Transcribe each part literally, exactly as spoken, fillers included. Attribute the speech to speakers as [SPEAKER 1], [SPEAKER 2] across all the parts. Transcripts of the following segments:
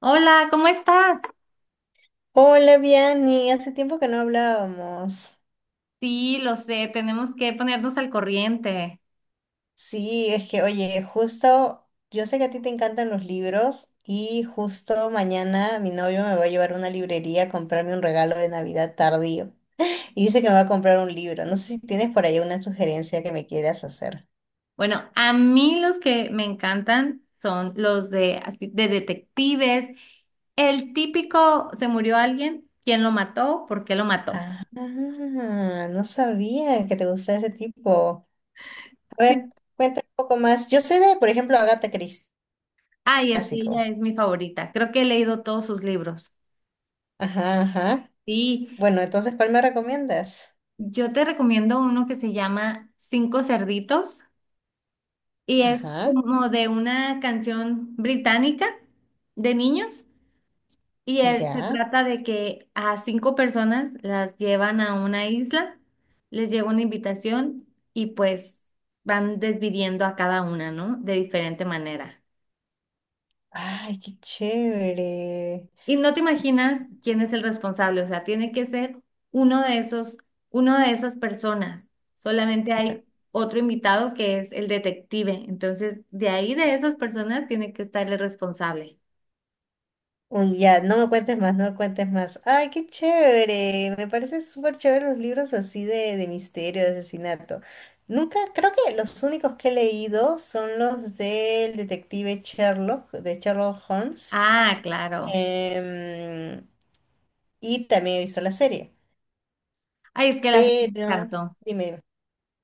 [SPEAKER 1] Hola, ¿cómo estás?
[SPEAKER 2] Hola, Vianney, hace tiempo que no hablábamos.
[SPEAKER 1] Sí, lo sé, tenemos que ponernos al corriente.
[SPEAKER 2] Sí, es que, oye, justo, yo sé que a ti te encantan los libros y justo mañana mi novio me va a llevar a una librería a comprarme un regalo de Navidad tardío. Y dice que me va a comprar un libro. No sé si tienes por ahí una sugerencia que me quieras hacer.
[SPEAKER 1] Bueno, a mí los que me encantan son los de, así, de detectives. El típico, ¿se murió alguien? ¿Quién lo mató? ¿Por qué lo mató?
[SPEAKER 2] Ah, no sabía que te gustaba ese tipo. A
[SPEAKER 1] Sí.
[SPEAKER 2] ver, cuéntame un poco más. Yo sé de, por ejemplo, Agatha Christie,
[SPEAKER 1] Ay, es que
[SPEAKER 2] clásico.
[SPEAKER 1] ella es mi favorita. Creo que he leído todos sus libros.
[SPEAKER 2] Ajá, ajá.
[SPEAKER 1] Sí,
[SPEAKER 2] Bueno, entonces, ¿cuál me recomiendas?
[SPEAKER 1] yo te recomiendo uno que se llama Cinco Cerditos y es
[SPEAKER 2] Ajá.
[SPEAKER 1] como de una canción británica de niños. Y él, se
[SPEAKER 2] Ya.
[SPEAKER 1] trata de que a cinco personas las llevan a una isla, les llega una invitación y pues van desviviendo a cada una, ¿no? De diferente manera.
[SPEAKER 2] Ay, qué chévere.
[SPEAKER 1] Y no te imaginas quién es el responsable, o sea, tiene que ser uno de esos, uno de esas personas. Solamente hay otro invitado que es el detective. Entonces, de ahí de esas personas tiene que estar el responsable.
[SPEAKER 2] Uy, ya, no me cuentes más, no me cuentes más. Ay, qué chévere. Me parece súper chévere los libros así de, de misterio, de asesinato. Nunca, creo que los únicos que he leído son los del detective Sherlock, de Sherlock Holmes.
[SPEAKER 1] Ah, claro.
[SPEAKER 2] em, y también he visto la serie.
[SPEAKER 1] Ay, es que la serie me
[SPEAKER 2] Pero,
[SPEAKER 1] encantó.
[SPEAKER 2] dime,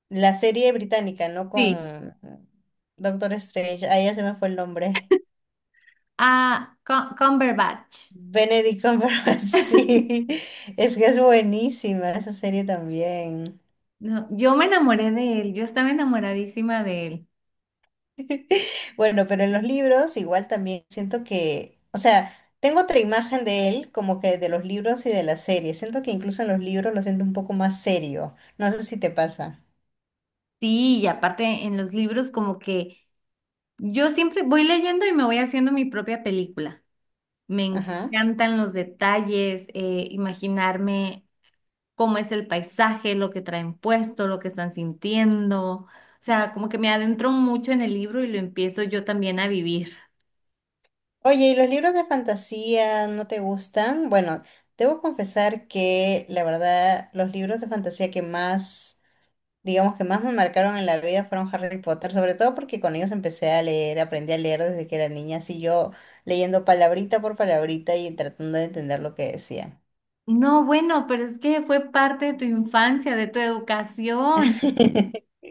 [SPEAKER 2] la serie británica, ¿no? Con
[SPEAKER 1] Sí.
[SPEAKER 2] Doctor Strange. Ahí ya se me fue el nombre.
[SPEAKER 1] Ah, Cum- Cumberbatch.
[SPEAKER 2] Benedict Cumberbatch, sí, es que es buenísima esa serie también.
[SPEAKER 1] No, yo me enamoré de él, yo estaba enamoradísima de él.
[SPEAKER 2] Bueno, pero en los libros igual también siento que, o sea, tengo otra imagen de él como que de los libros y de la serie. Siento que incluso en los libros lo siento un poco más serio. No sé si te pasa.
[SPEAKER 1] Sí, y aparte en los libros como que yo siempre voy leyendo y me voy haciendo mi propia película. Me
[SPEAKER 2] Ajá.
[SPEAKER 1] encantan los detalles, eh, imaginarme cómo es el paisaje, lo que traen puesto, lo que están sintiendo. O sea, como que me adentro mucho en el libro y lo empiezo yo también a vivir.
[SPEAKER 2] Oye, ¿y los libros de fantasía no te gustan? Bueno, debo confesar que la verdad, los libros de fantasía que más digamos, que más me marcaron en la vida fueron Harry Potter, sobre todo porque con ellos empecé a leer, aprendí a leer desde que era niña, así yo leyendo palabrita por palabrita y tratando de entender lo que decían.
[SPEAKER 1] No, bueno, pero es que fue parte de tu infancia, de tu educación.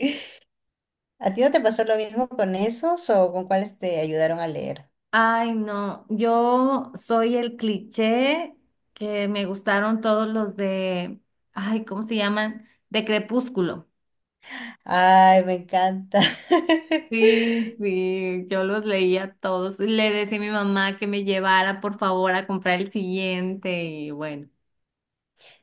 [SPEAKER 2] ¿A ti no te pasó lo mismo con esos o con cuáles te ayudaron a leer?
[SPEAKER 1] Ay, no, yo soy el cliché que me gustaron todos los de, ay, ¿cómo se llaman? De Crepúsculo.
[SPEAKER 2] Ay, me encanta.
[SPEAKER 1] Sí, sí, yo los leía todos. Le decía a mi mamá que me llevara, por favor, a comprar el siguiente y bueno.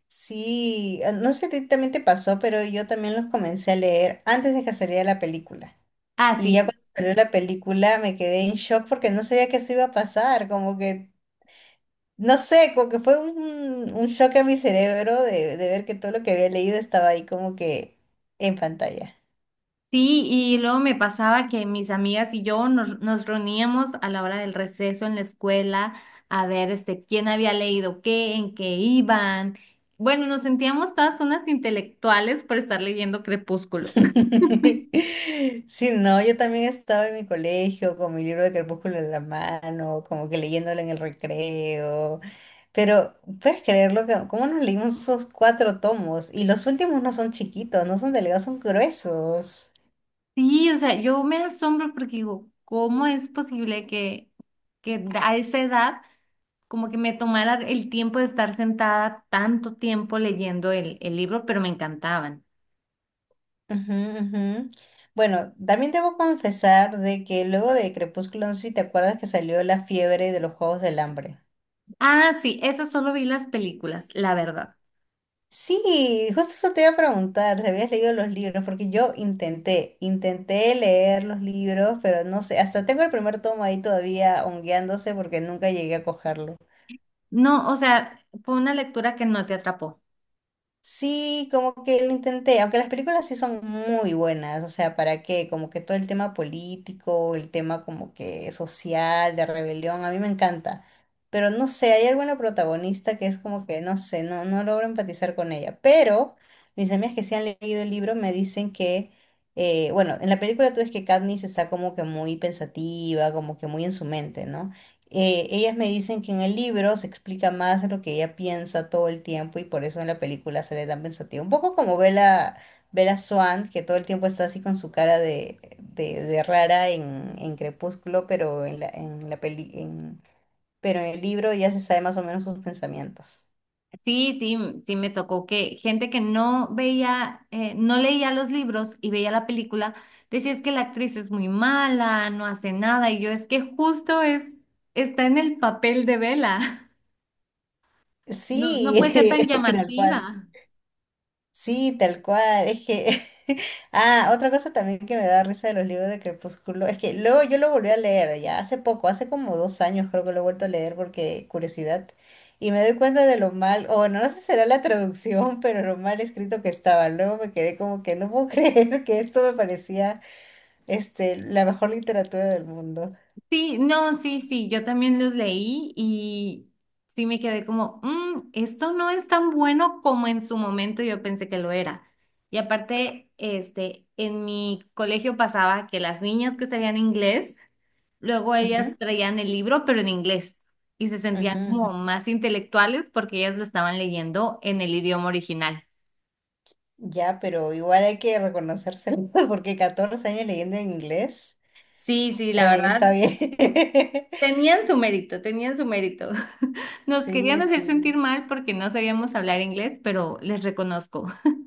[SPEAKER 2] Sí, eh, no sé si a ti también te pasó, pero yo también los comencé a leer antes de que saliera la película.
[SPEAKER 1] Ah,
[SPEAKER 2] Y
[SPEAKER 1] sí.
[SPEAKER 2] ya cuando salió la película me quedé en shock porque no sabía que eso iba a pasar, como que no sé, como que fue un, un shock a mi cerebro de, de ver que todo lo que había leído estaba ahí como que en pantalla.
[SPEAKER 1] Sí, y luego me pasaba que mis amigas y yo nos, nos reuníamos a la hora del receso en la escuela a ver este, quién había leído qué, en qué iban. Bueno, nos sentíamos todas unas intelectuales por estar leyendo Crepúsculo.
[SPEAKER 2] Sí, no, yo también estaba en mi colegio con mi libro de Crepúsculo en la mano, como que leyéndolo en el recreo. Pero, ¿puedes creerlo? Que, ¿cómo nos leímos esos cuatro tomos? Y los últimos no son chiquitos, no son delgados, son gruesos.
[SPEAKER 1] Sí, o sea, yo me asombro porque digo, ¿cómo es posible que, que a esa edad como que me tomara el tiempo de estar sentada tanto tiempo leyendo el, el libro, pero me encantaban.
[SPEAKER 2] Ujú, ujú. Bueno, también debo confesar de que luego de Crepúsculo, no sé si te acuerdas que salió la fiebre de los Juegos del Hambre.
[SPEAKER 1] Ah, sí, eso solo vi las películas, la verdad.
[SPEAKER 2] Sí, justo eso te iba a preguntar, si habías leído los libros, porque yo intenté, intenté leer los libros, pero no sé, hasta tengo el primer tomo ahí todavía hongueándose porque nunca llegué a cogerlo.
[SPEAKER 1] No, o sea, fue una lectura que no te atrapó.
[SPEAKER 2] Sí, como que lo intenté, aunque las películas sí son muy buenas, o sea, ¿para qué? Como que todo el tema político, el tema como que social, de rebelión, a mí me encanta, pero no sé, hay alguna protagonista que es como que, no sé, no, no logro empatizar con ella, pero mis amigas que sí han leído el libro me dicen que, eh, bueno, en la película tú ves que Katniss está como que muy pensativa, como que muy en su mente, ¿no? Eh, ellas me dicen que en el libro se explica más de lo que ella piensa todo el tiempo y por eso en la película sale tan pensativa. Un poco como Bella, Bella Swan, que todo el tiempo está así con su cara de, de, de rara en, en Crepúsculo, pero en la, en la peli, en, pero en el libro ya se sabe más o menos sus pensamientos.
[SPEAKER 1] Sí, sí, m- sí me tocó que gente que no veía, eh, no leía los libros y veía la película, decía es que la actriz es muy mala, no hace nada, y yo es que justo es, está en el papel de Bella. No, no puede ser
[SPEAKER 2] Sí,
[SPEAKER 1] tan
[SPEAKER 2] tal cual.
[SPEAKER 1] llamativa.
[SPEAKER 2] Sí, tal cual. Es que, ah, otra cosa también que me da risa de los libros de Crepúsculo, es que luego yo lo volví a leer ya hace poco, hace como dos años creo que lo he vuelto a leer porque curiosidad, y me doy cuenta de lo mal, o no, no sé si será la traducción, pero lo mal escrito que estaba. Luego me quedé como que no puedo creer que esto me parecía, este, la mejor literatura del mundo.
[SPEAKER 1] Sí, no, sí, sí, yo también los leí y sí me quedé como, "Mm, esto no es tan bueno como en su momento yo pensé que lo era". Y aparte, este, en mi colegio pasaba que las niñas que sabían inglés, luego
[SPEAKER 2] Ujú,
[SPEAKER 1] ellas traían el libro, pero en inglés, y se sentían
[SPEAKER 2] ujú,
[SPEAKER 1] como
[SPEAKER 2] ujú.
[SPEAKER 1] más intelectuales porque ellas lo estaban leyendo en el idioma original.
[SPEAKER 2] Ya, pero igual hay que reconocérselo porque catorce años leyendo en inglés,
[SPEAKER 1] Sí, sí,
[SPEAKER 2] está
[SPEAKER 1] la
[SPEAKER 2] bien, está
[SPEAKER 1] verdad,
[SPEAKER 2] bien.
[SPEAKER 1] tenían su mérito, tenían su mérito. Nos
[SPEAKER 2] Sí,
[SPEAKER 1] querían hacer sentir
[SPEAKER 2] sí.
[SPEAKER 1] mal porque no sabíamos hablar inglés, pero les reconozco.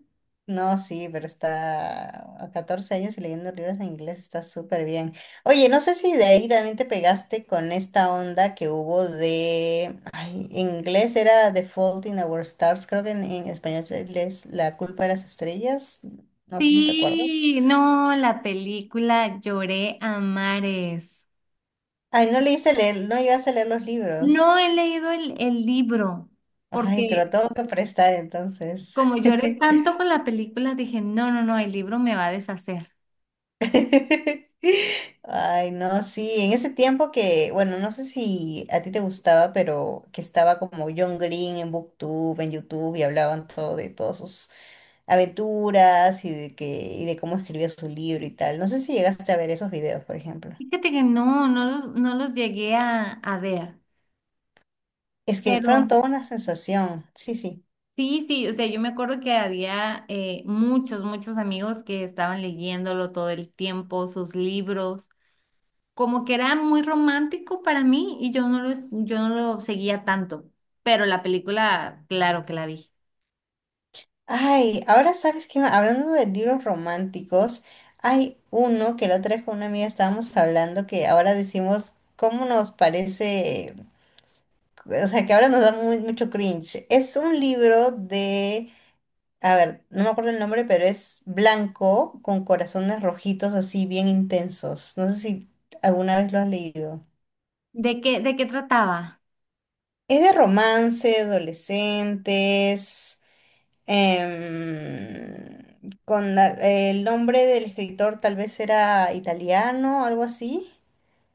[SPEAKER 2] No, sí, pero está a catorce años y leyendo libros en inglés está súper bien. Oye, no sé si de ahí también te pegaste con esta onda que hubo de... Ay, en inglés era The Fault in Our Stars, creo que en, en español es La culpa de las estrellas. No sé si te acuerdas.
[SPEAKER 1] Sí, no, la película lloré a mares.
[SPEAKER 2] Ay, no leíste leer, no llegaste a leer los
[SPEAKER 1] No
[SPEAKER 2] libros.
[SPEAKER 1] he leído el, el libro
[SPEAKER 2] Ay, te lo
[SPEAKER 1] porque
[SPEAKER 2] tengo que prestar entonces.
[SPEAKER 1] como lloré tanto con la película, dije, no, no, no, el libro me va a deshacer.
[SPEAKER 2] Ay, no, sí, en ese tiempo que, bueno, no sé si a ti te gustaba, pero que estaba como John Green en BookTube, en YouTube, y hablaban todo de todas sus aventuras y de que, y de cómo escribía su libro y tal. No sé si llegaste a ver esos videos, por ejemplo.
[SPEAKER 1] Fíjate que no, no los, no los llegué a, a ver,
[SPEAKER 2] Es que
[SPEAKER 1] pero
[SPEAKER 2] fueron toda una sensación. Sí, sí.
[SPEAKER 1] sí, sí, o sea, yo me acuerdo que había eh, muchos, muchos amigos que estaban leyéndolo todo el tiempo, sus libros. Como que era muy romántico para mí y yo no lo, yo no lo seguía tanto, pero la película, claro que la vi.
[SPEAKER 2] Ay, ahora sabes que hablando de libros románticos, hay uno que la otra vez con una amiga estábamos hablando que ahora decimos cómo nos parece. O sea, que ahora nos da muy, mucho cringe. Es un libro de, a ver, no me acuerdo el nombre, pero es blanco con corazones rojitos así bien intensos. No sé si alguna vez lo has leído.
[SPEAKER 1] ¿De qué, de qué trataba?
[SPEAKER 2] Es de romance, adolescentes, em, con la, el nombre del escritor tal vez era italiano, algo así.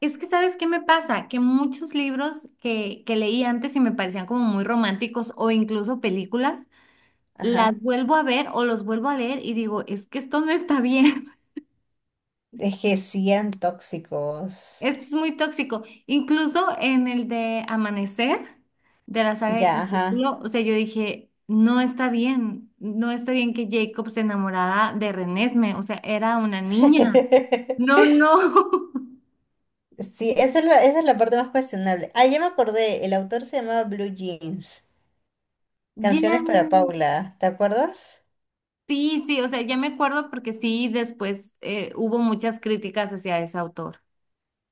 [SPEAKER 1] Es que, ¿sabes qué me pasa? Que muchos libros que, que leí antes y me parecían como muy románticos o incluso películas, las
[SPEAKER 2] Ajá.
[SPEAKER 1] vuelvo a ver o los vuelvo a leer y digo, es que esto no está bien.
[SPEAKER 2] Es que sí eran tóxicos.
[SPEAKER 1] Esto es muy tóxico. Incluso en el de Amanecer, de la saga de
[SPEAKER 2] Ya, ajá.
[SPEAKER 1] Crepúsculo, o sea, yo dije, no está bien, no está bien que Jacob se enamorara de Renesme, o sea, era una niña. No, no.
[SPEAKER 2] Sí, esa es la, esa es la parte más cuestionable. Ah, ya me acordé, el autor se llamaba Blue Jeans,
[SPEAKER 1] Ya.
[SPEAKER 2] Canciones para Paula, ¿te acuerdas?
[SPEAKER 1] Sí, sí, o sea, ya me acuerdo porque sí, después eh, hubo muchas críticas hacia ese autor.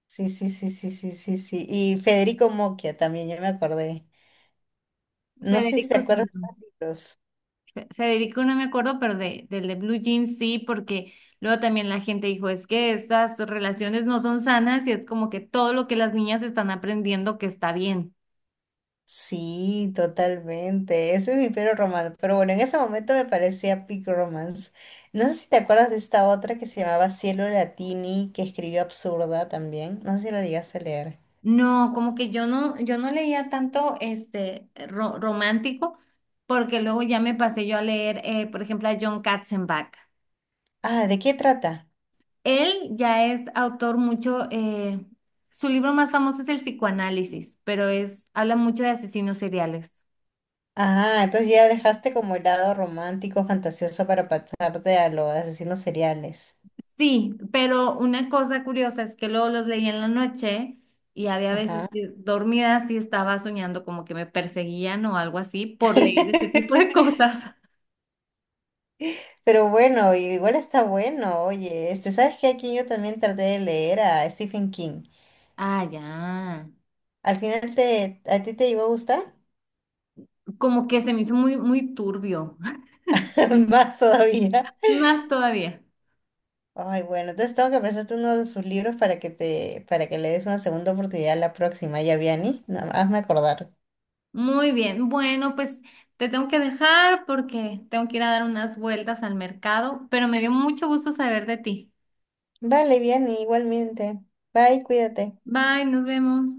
[SPEAKER 2] Sí, sí, sí, sí, sí, sí, sí. Y Federico Mocchia también, ya me acordé. No sé si te
[SPEAKER 1] Federico
[SPEAKER 2] acuerdas de
[SPEAKER 1] Simón.
[SPEAKER 2] esos libros.
[SPEAKER 1] Federico no me acuerdo, pero de, del de Blue Jeans sí, porque luego también la gente dijo, es que estas relaciones no son sanas y es como que todo lo que las niñas están aprendiendo que está bien.
[SPEAKER 2] Sí, totalmente. Ese es mi Pico Romance. Pero bueno, en ese momento me parecía Pico Romance. No sé si te acuerdas de esta otra que se llamaba Cielo Latini, que escribió Absurda también. No sé si la llegaste a leer.
[SPEAKER 1] No, como que yo no, yo no leía tanto este ro- romántico, porque luego ya me pasé yo a leer, eh, por ejemplo, a John Katzenbach.
[SPEAKER 2] Ah, ¿de qué trata?
[SPEAKER 1] Él ya es autor mucho, eh, su libro más famoso es El psicoanálisis, pero es, habla mucho de asesinos seriales.
[SPEAKER 2] Ah, entonces ya dejaste como el lado romántico, fantasioso para pasarte a los asesinos seriales.
[SPEAKER 1] Sí, pero una cosa curiosa es que luego los leí en la noche y había veces
[SPEAKER 2] Ajá.
[SPEAKER 1] que dormida sí estaba soñando como que me perseguían o algo así por leer este tipo de cosas.
[SPEAKER 2] Pero bueno, igual está bueno, oye, este, ¿sabes qué? Aquí yo también traté de leer a Stephen King.
[SPEAKER 1] Ah, ya.
[SPEAKER 2] Al final te, ¿a ti te iba a gustar?
[SPEAKER 1] Como que se me hizo muy, muy turbio.
[SPEAKER 2] Más todavía.
[SPEAKER 1] Más todavía.
[SPEAKER 2] Ay, bueno, entonces tengo que prestarte uno de sus libros para que te, para que le des una segunda oportunidad la próxima, ya, Vianney. No, hazme acordar.
[SPEAKER 1] Muy bien. Bueno, pues te tengo que dejar porque tengo que ir a dar unas vueltas al mercado, pero me dio mucho gusto saber de ti.
[SPEAKER 2] Vale, Vianney, igualmente. Bye, cuídate.
[SPEAKER 1] Bye, nos vemos.